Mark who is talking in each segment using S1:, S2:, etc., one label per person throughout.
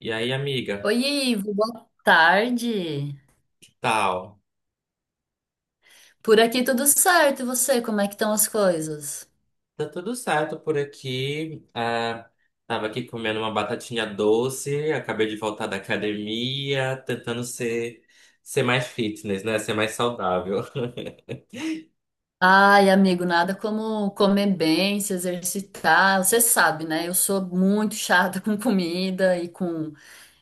S1: E aí, amiga,
S2: Oi, Ivo, boa tarde.
S1: que tal?
S2: Por aqui tudo certo, e você, como é que estão as coisas?
S1: Tá tudo certo por aqui. Tava aqui comendo uma batatinha doce, acabei de voltar da academia, tentando ser mais fitness, né? Ser mais saudável.
S2: Ai, amigo, nada como comer bem, se exercitar. Você sabe, né? Eu sou muito chata com comida e com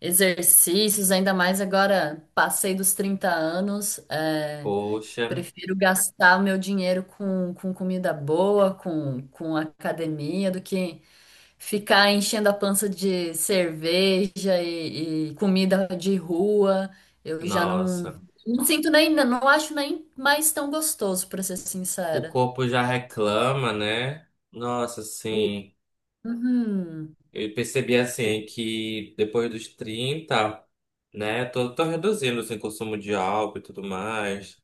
S2: exercícios, ainda mais agora passei dos 30 anos.
S1: Poxa,
S2: Prefiro gastar o meu dinheiro com comida boa, com academia, do que ficar enchendo a pança de cerveja e comida de rua. Eu já não,
S1: nossa.
S2: Não sinto nem, não acho nem mais tão gostoso, pra ser
S1: O
S2: sincera.
S1: corpo já reclama, né? Nossa,
S2: O.
S1: sim.
S2: Uhum.
S1: Eu percebi assim que depois dos 30, né? Tô reduzindo assim, o consumo de álcool e tudo mais.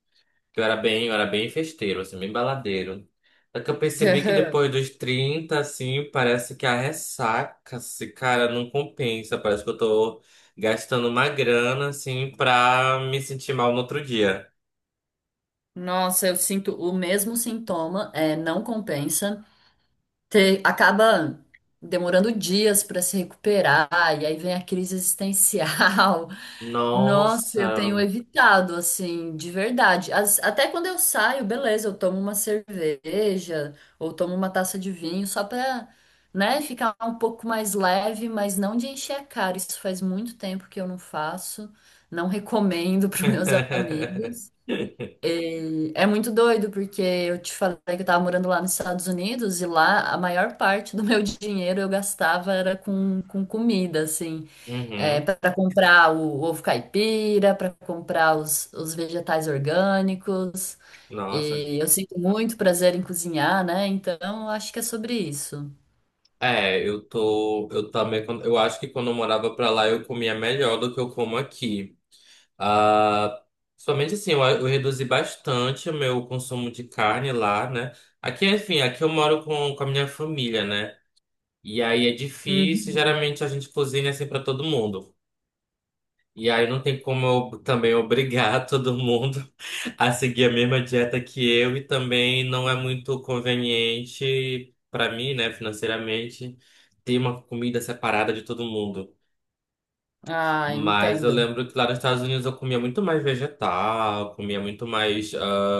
S1: Eu era bem festeiro, assim, bem baladeiro. Só que eu percebi que depois dos 30, assim, parece que a ressaca, se cara, não compensa. Parece que eu tô gastando uma grana, assim, pra me sentir mal no outro dia.
S2: O. Nossa, eu sinto o mesmo sintoma, é, não compensa. Acaba demorando dias para se recuperar, e aí vem a crise existencial. Nossa, eu
S1: Nossa.
S2: tenho evitado, assim, de verdade. Até quando eu saio, beleza, eu tomo uma cerveja ou tomo uma taça de vinho só para, né, ficar um pouco mais leve, mas não de encher a cara. Isso faz muito tempo que eu não faço. Não recomendo para meus amigos. E é muito doido, porque eu te falei que eu tava morando lá nos Estados Unidos e lá a maior parte do meu dinheiro eu gastava era com comida, assim, é,
S1: Uhum.
S2: para comprar o ovo caipira, para comprar os vegetais orgânicos.
S1: Nossa.
S2: E eu sinto muito prazer em cozinhar, né? Então eu acho que é sobre isso.
S1: Eu também, eu acho que quando eu morava pra lá eu comia melhor do que eu como aqui. Ah, somente assim, eu reduzi bastante o meu consumo de carne lá, né? Aqui, enfim, aqui eu moro com a minha família, né? E aí é difícil,
S2: Uhum.
S1: geralmente a gente cozinha assim para todo mundo. E aí não tem como eu também obrigar todo mundo a seguir a mesma dieta que eu e também não é muito conveniente para mim, né, financeiramente, ter uma comida separada de todo mundo.
S2: Ah,
S1: Mas eu
S2: entendo.
S1: lembro que lá nos Estados Unidos eu comia muito mais vegetal, comia muito mais,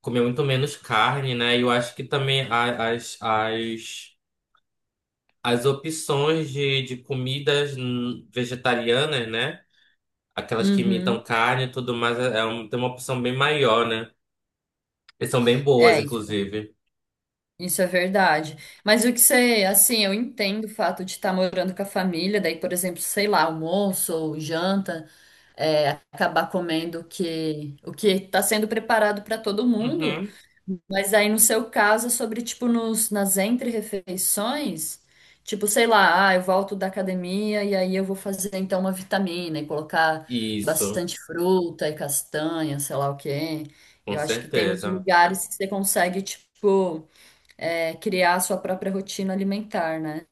S1: comia muito menos carne, né? E eu acho que também as opções de comidas vegetarianas, né? Aquelas que
S2: Uhum.
S1: imitam carne e tudo mais, tem uma opção bem maior, né? E são bem boas,
S2: É,
S1: inclusive.
S2: isso é verdade. Mas o que você, assim, eu entendo o fato de estar morando com a família, daí, por exemplo, sei lá, almoço ou janta, é, acabar comendo o que está sendo preparado para todo mundo.
S1: Uhum.
S2: Mas aí, no seu caso, é sobre, tipo, nos, nas entre-refeições, tipo, sei lá, ah, eu volto da academia e aí eu vou fazer, então, uma vitamina e colocar
S1: Isso,
S2: bastante fruta e castanha, sei lá o quê.
S1: com
S2: Eu acho que tem uns
S1: certeza.
S2: lugares que você consegue, tipo é, criar a sua própria rotina alimentar, né?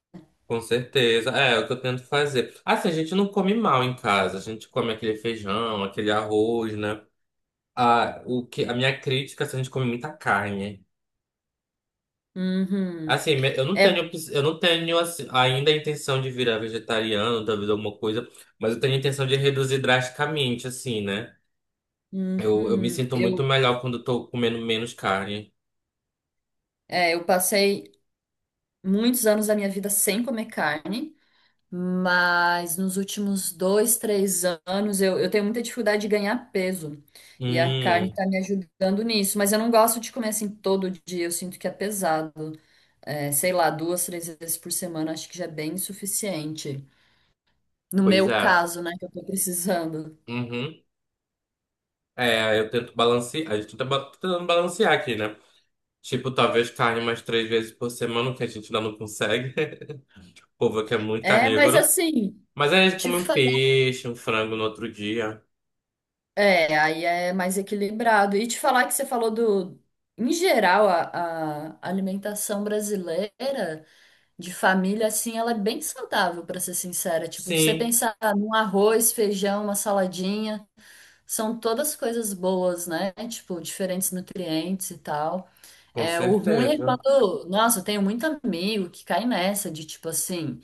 S1: Com certeza. É, é o que eu tento fazer. Assim, a gente não come mal em casa. A gente come aquele feijão, aquele arroz, né? A minha crítica é se a gente come muita carne.
S2: Uhum.
S1: Assim, eu não
S2: É,
S1: eu não tenho assim, ainda a intenção de virar vegetariano, talvez alguma coisa, mas eu tenho a intenção de reduzir drasticamente, assim, né? Eu me sinto muito
S2: eu,
S1: melhor quando eu tô comendo menos carne.
S2: é, eu passei muitos anos da minha vida sem comer carne, mas nos últimos dois, três anos eu tenho muita dificuldade de ganhar peso. E a carne
S1: Hum,
S2: tá me ajudando nisso, mas eu não gosto de comer assim todo dia, eu sinto que é pesado. É, sei lá, duas, três vezes por semana acho que já é bem suficiente. No
S1: pois
S2: meu
S1: é.
S2: caso, né, que eu tô precisando.
S1: Uhum. É, eu tento balancear, a gente tá tentando balancear aqui, né? Tipo, talvez carne mais 3 vezes por semana, que a gente ainda não consegue. O povo aqui é muito
S2: É, mas
S1: carnívoro.
S2: assim,
S1: Mas aí a gente
S2: te
S1: come um
S2: falar.
S1: peixe, um frango no outro dia.
S2: É, aí é mais equilibrado. E te falar que você falou do. Em geral, a alimentação brasileira de família, assim, ela é bem saudável, pra ser sincera. Tipo, você
S1: Sim,
S2: pensar num arroz, feijão, uma saladinha, são todas coisas boas, né? Tipo, diferentes nutrientes e tal.
S1: com
S2: É, o ruim é
S1: certeza.
S2: quando. Nossa, eu tenho muito amigo que cai nessa de tipo assim.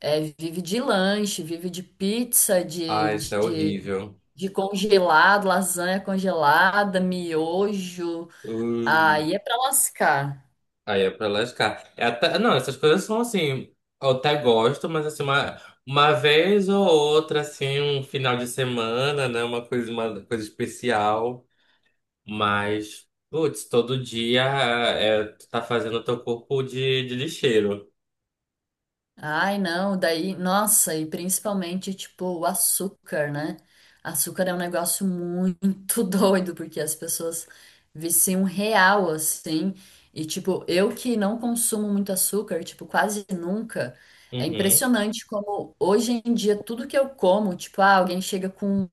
S2: É, vive de lanche, vive de pizza,
S1: Ah, isso é
S2: de,
S1: horrível.
S2: de congelado, lasanha congelada, miojo.
S1: Ui,
S2: Aí é pra lascar.
S1: aí é pra lascar. Não, essas coisas são assim, eu até gosto, mas assim, uma vez ou outra, assim, um final de semana, né? Uma coisa especial. Mas, putz, todo dia é, tu tá fazendo o teu corpo de lixeiro.
S2: Ai, não, daí, nossa, e principalmente, tipo, o açúcar, né? Açúcar é um negócio muito doido, porque as pessoas viciam real, assim. E, tipo, eu que não consumo muito açúcar, tipo, quase nunca, é
S1: Uhum,
S2: impressionante como hoje em dia tudo que eu como, tipo, ah, alguém chega com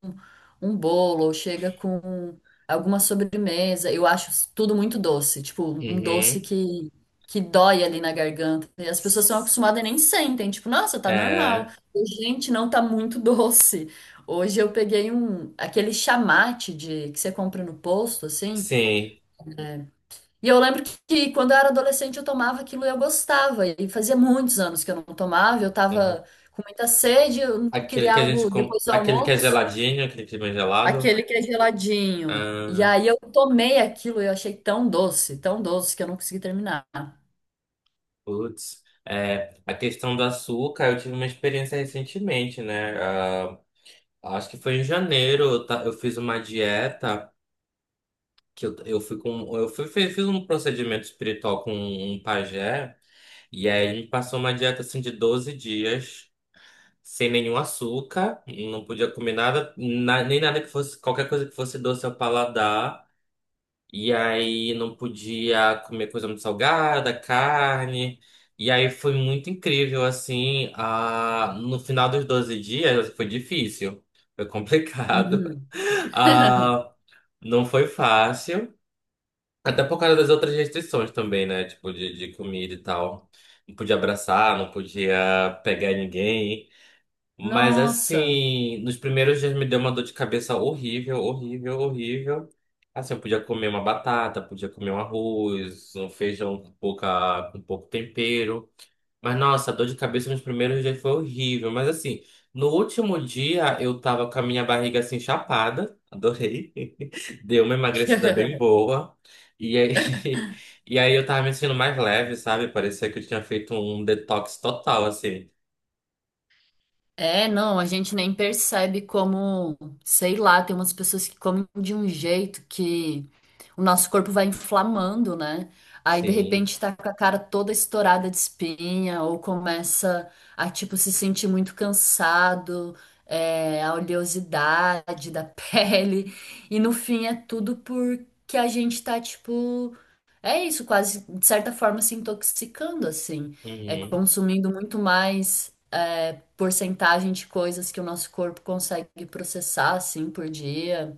S2: um bolo, ou chega com alguma sobremesa, eu acho tudo muito doce, tipo, um doce
S1: uhum.
S2: que dói ali na garganta. E as pessoas são
S1: S-
S2: acostumadas e nem sentem, tipo, nossa, tá normal.
S1: É,
S2: Gente, não tá muito doce. Hoje eu peguei um aquele chamate de que você compra no posto assim.
S1: sim.
S2: E eu lembro que quando eu era adolescente eu tomava aquilo e eu gostava. E fazia muitos anos que eu não tomava, eu
S1: Uhum.
S2: tava com muita sede, eu não
S1: Aquele
S2: queria
S1: que a
S2: algo depois do
S1: aquele que é
S2: almoço,
S1: geladinho, aquele que é bem gelado.
S2: aquele que é geladinho. E
S1: Ah,
S2: aí eu tomei aquilo e eu achei tão doce que eu não consegui terminar.
S1: putz. É, a questão do açúcar, eu tive uma experiência recentemente, né? Ah, acho que foi em janeiro, eu fiz uma dieta que eu fui com, eu fui, fiz, fiz um procedimento espiritual com um pajé, e aí ele me passou uma dieta assim de 12 dias, sem nenhum açúcar, não podia comer nada, na- nem nada que fosse, qualquer coisa que fosse doce ao paladar. E aí não podia comer coisa muito salgada, carne. E aí foi muito incrível, assim. Ah, no final dos 12 dias foi difícil, foi complicado.
S2: Uhum.
S1: Ah, não foi fácil. Até por causa das outras restrições também, né? Tipo, de comida e tal. Não podia abraçar, não podia pegar ninguém. Mas
S2: Nossa.
S1: assim, nos primeiros dias me deu uma dor de cabeça horrível, horrível, horrível. Assim, eu podia comer uma batata, podia comer um arroz, um feijão com com pouco tempero. Mas nossa, a dor de cabeça nos primeiros dias foi horrível. Mas assim, no último dia eu tava com a minha barriga assim chapada, adorei. Deu uma emagrecida bem boa. E aí, e aí eu tava me sentindo mais leve, sabe? Parecia que eu tinha feito um detox total, assim.
S2: É, não, a gente nem percebe como, sei lá, tem umas pessoas que comem de um jeito que o nosso corpo vai inflamando, né? Aí de
S1: Sim.
S2: repente tá com a cara toda estourada de espinha, ou começa a tipo se sentir muito cansado, é, a oleosidade da pele, e no fim é tudo porque a gente tá tipo. É isso, quase de certa forma se intoxicando, assim, é
S1: Uhum.
S2: consumindo muito mais é, porcentagem de coisas que o nosso corpo consegue processar, assim, por dia.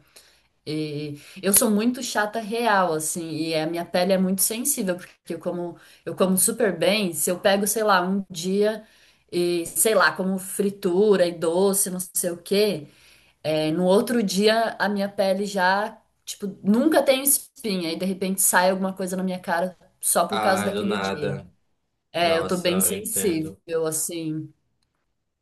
S2: E eu sou muito chata real, assim, e a minha pele é muito sensível, porque eu como super bem, se eu pego, sei lá, um dia e, sei lá, como fritura e doce, não sei o quê. É, no outro dia, a minha pele já, tipo, nunca tenho espinha e de repente sai alguma coisa na minha cara só por causa
S1: Ah, do
S2: daquele dia.
S1: nada.
S2: É, eu tô
S1: Nossa,
S2: bem
S1: eu entendo.
S2: sensível, assim.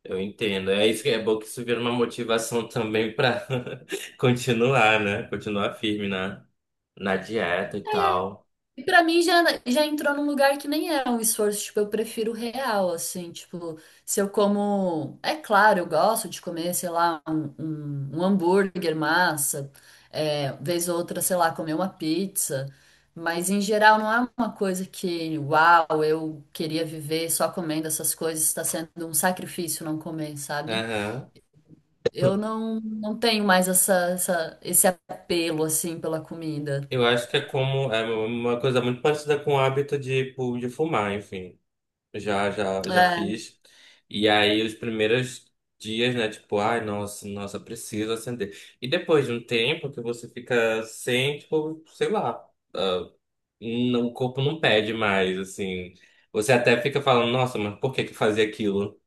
S1: Eu entendo. É isso que é bom, que isso vira uma motivação também pra continuar, né? Continuar firme na dieta e tal.
S2: E pra mim já, já entrou num lugar que nem era um esforço, tipo, eu prefiro real, assim, tipo, se eu como. É claro, eu gosto de comer, sei lá, um hambúrguer, massa, é, vez ou outra, sei lá, comer uma pizza, mas em geral não é uma coisa que, uau, eu queria viver só comendo essas coisas, está sendo um sacrifício não comer, sabe?
S1: Aham.
S2: Eu não, Não tenho mais esse apelo, assim, pela comida.
S1: Eu acho que é como é uma coisa muito parecida com o hábito de fumar, enfim. Já
S2: É,
S1: fiz. E aí os primeiros dias, né? Tipo, ai, nossa, preciso acender. E depois de um tempo que você fica sem, tipo, sei lá. Não, o corpo não pede mais, assim. Você até fica falando, nossa, mas por que que fazia aquilo?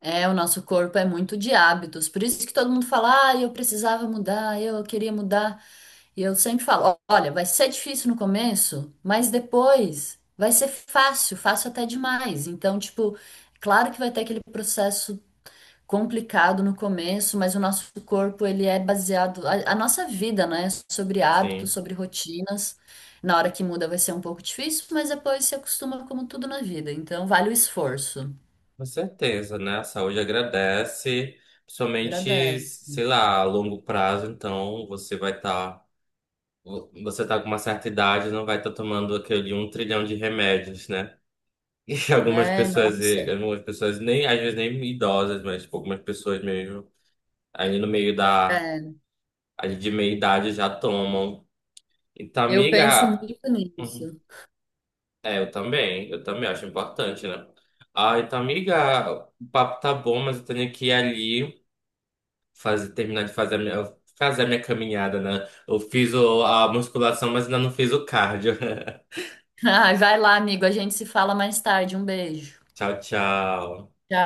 S2: é, o nosso corpo é muito de hábitos. Por isso que todo mundo fala, ah, eu precisava mudar, eu queria mudar. E eu sempre falo, "Ó, olha, vai ser difícil no começo, mas depois vai ser fácil, fácil até demais. Então, tipo, claro que vai ter aquele processo complicado no começo, mas o nosso corpo, ele é baseado, a nossa vida, né, é sobre hábitos,
S1: Sim,
S2: sobre rotinas. Na hora que muda vai ser um pouco difícil, mas depois se acostuma como tudo na vida. Então, vale o esforço.
S1: com certeza, né? A saúde agradece, principalmente,
S2: Agradece.
S1: sei lá, a longo prazo, então você vai estar. Você tá com uma certa idade, não vai estar tomando aquele um trilhão de remédios, né? E algumas
S2: É, nossa.
S1: pessoas nem, às vezes nem idosas, mas tipo, algumas pessoas mesmo, ali no meio da,
S2: É,
S1: ali de meia idade já tomam. Então,
S2: eu penso
S1: amiga.
S2: muito
S1: Hum,
S2: nisso.
S1: é, eu também acho importante, né? Ah, então, amiga, o papo tá bom, mas eu tenho que ir ali fazer a minha caminhada, né? Eu fiz a musculação, mas ainda não fiz o cardio.
S2: Ai, vai lá, amigo. A gente se fala mais tarde. Um beijo.
S1: Tchau, tchau.
S2: Tchau.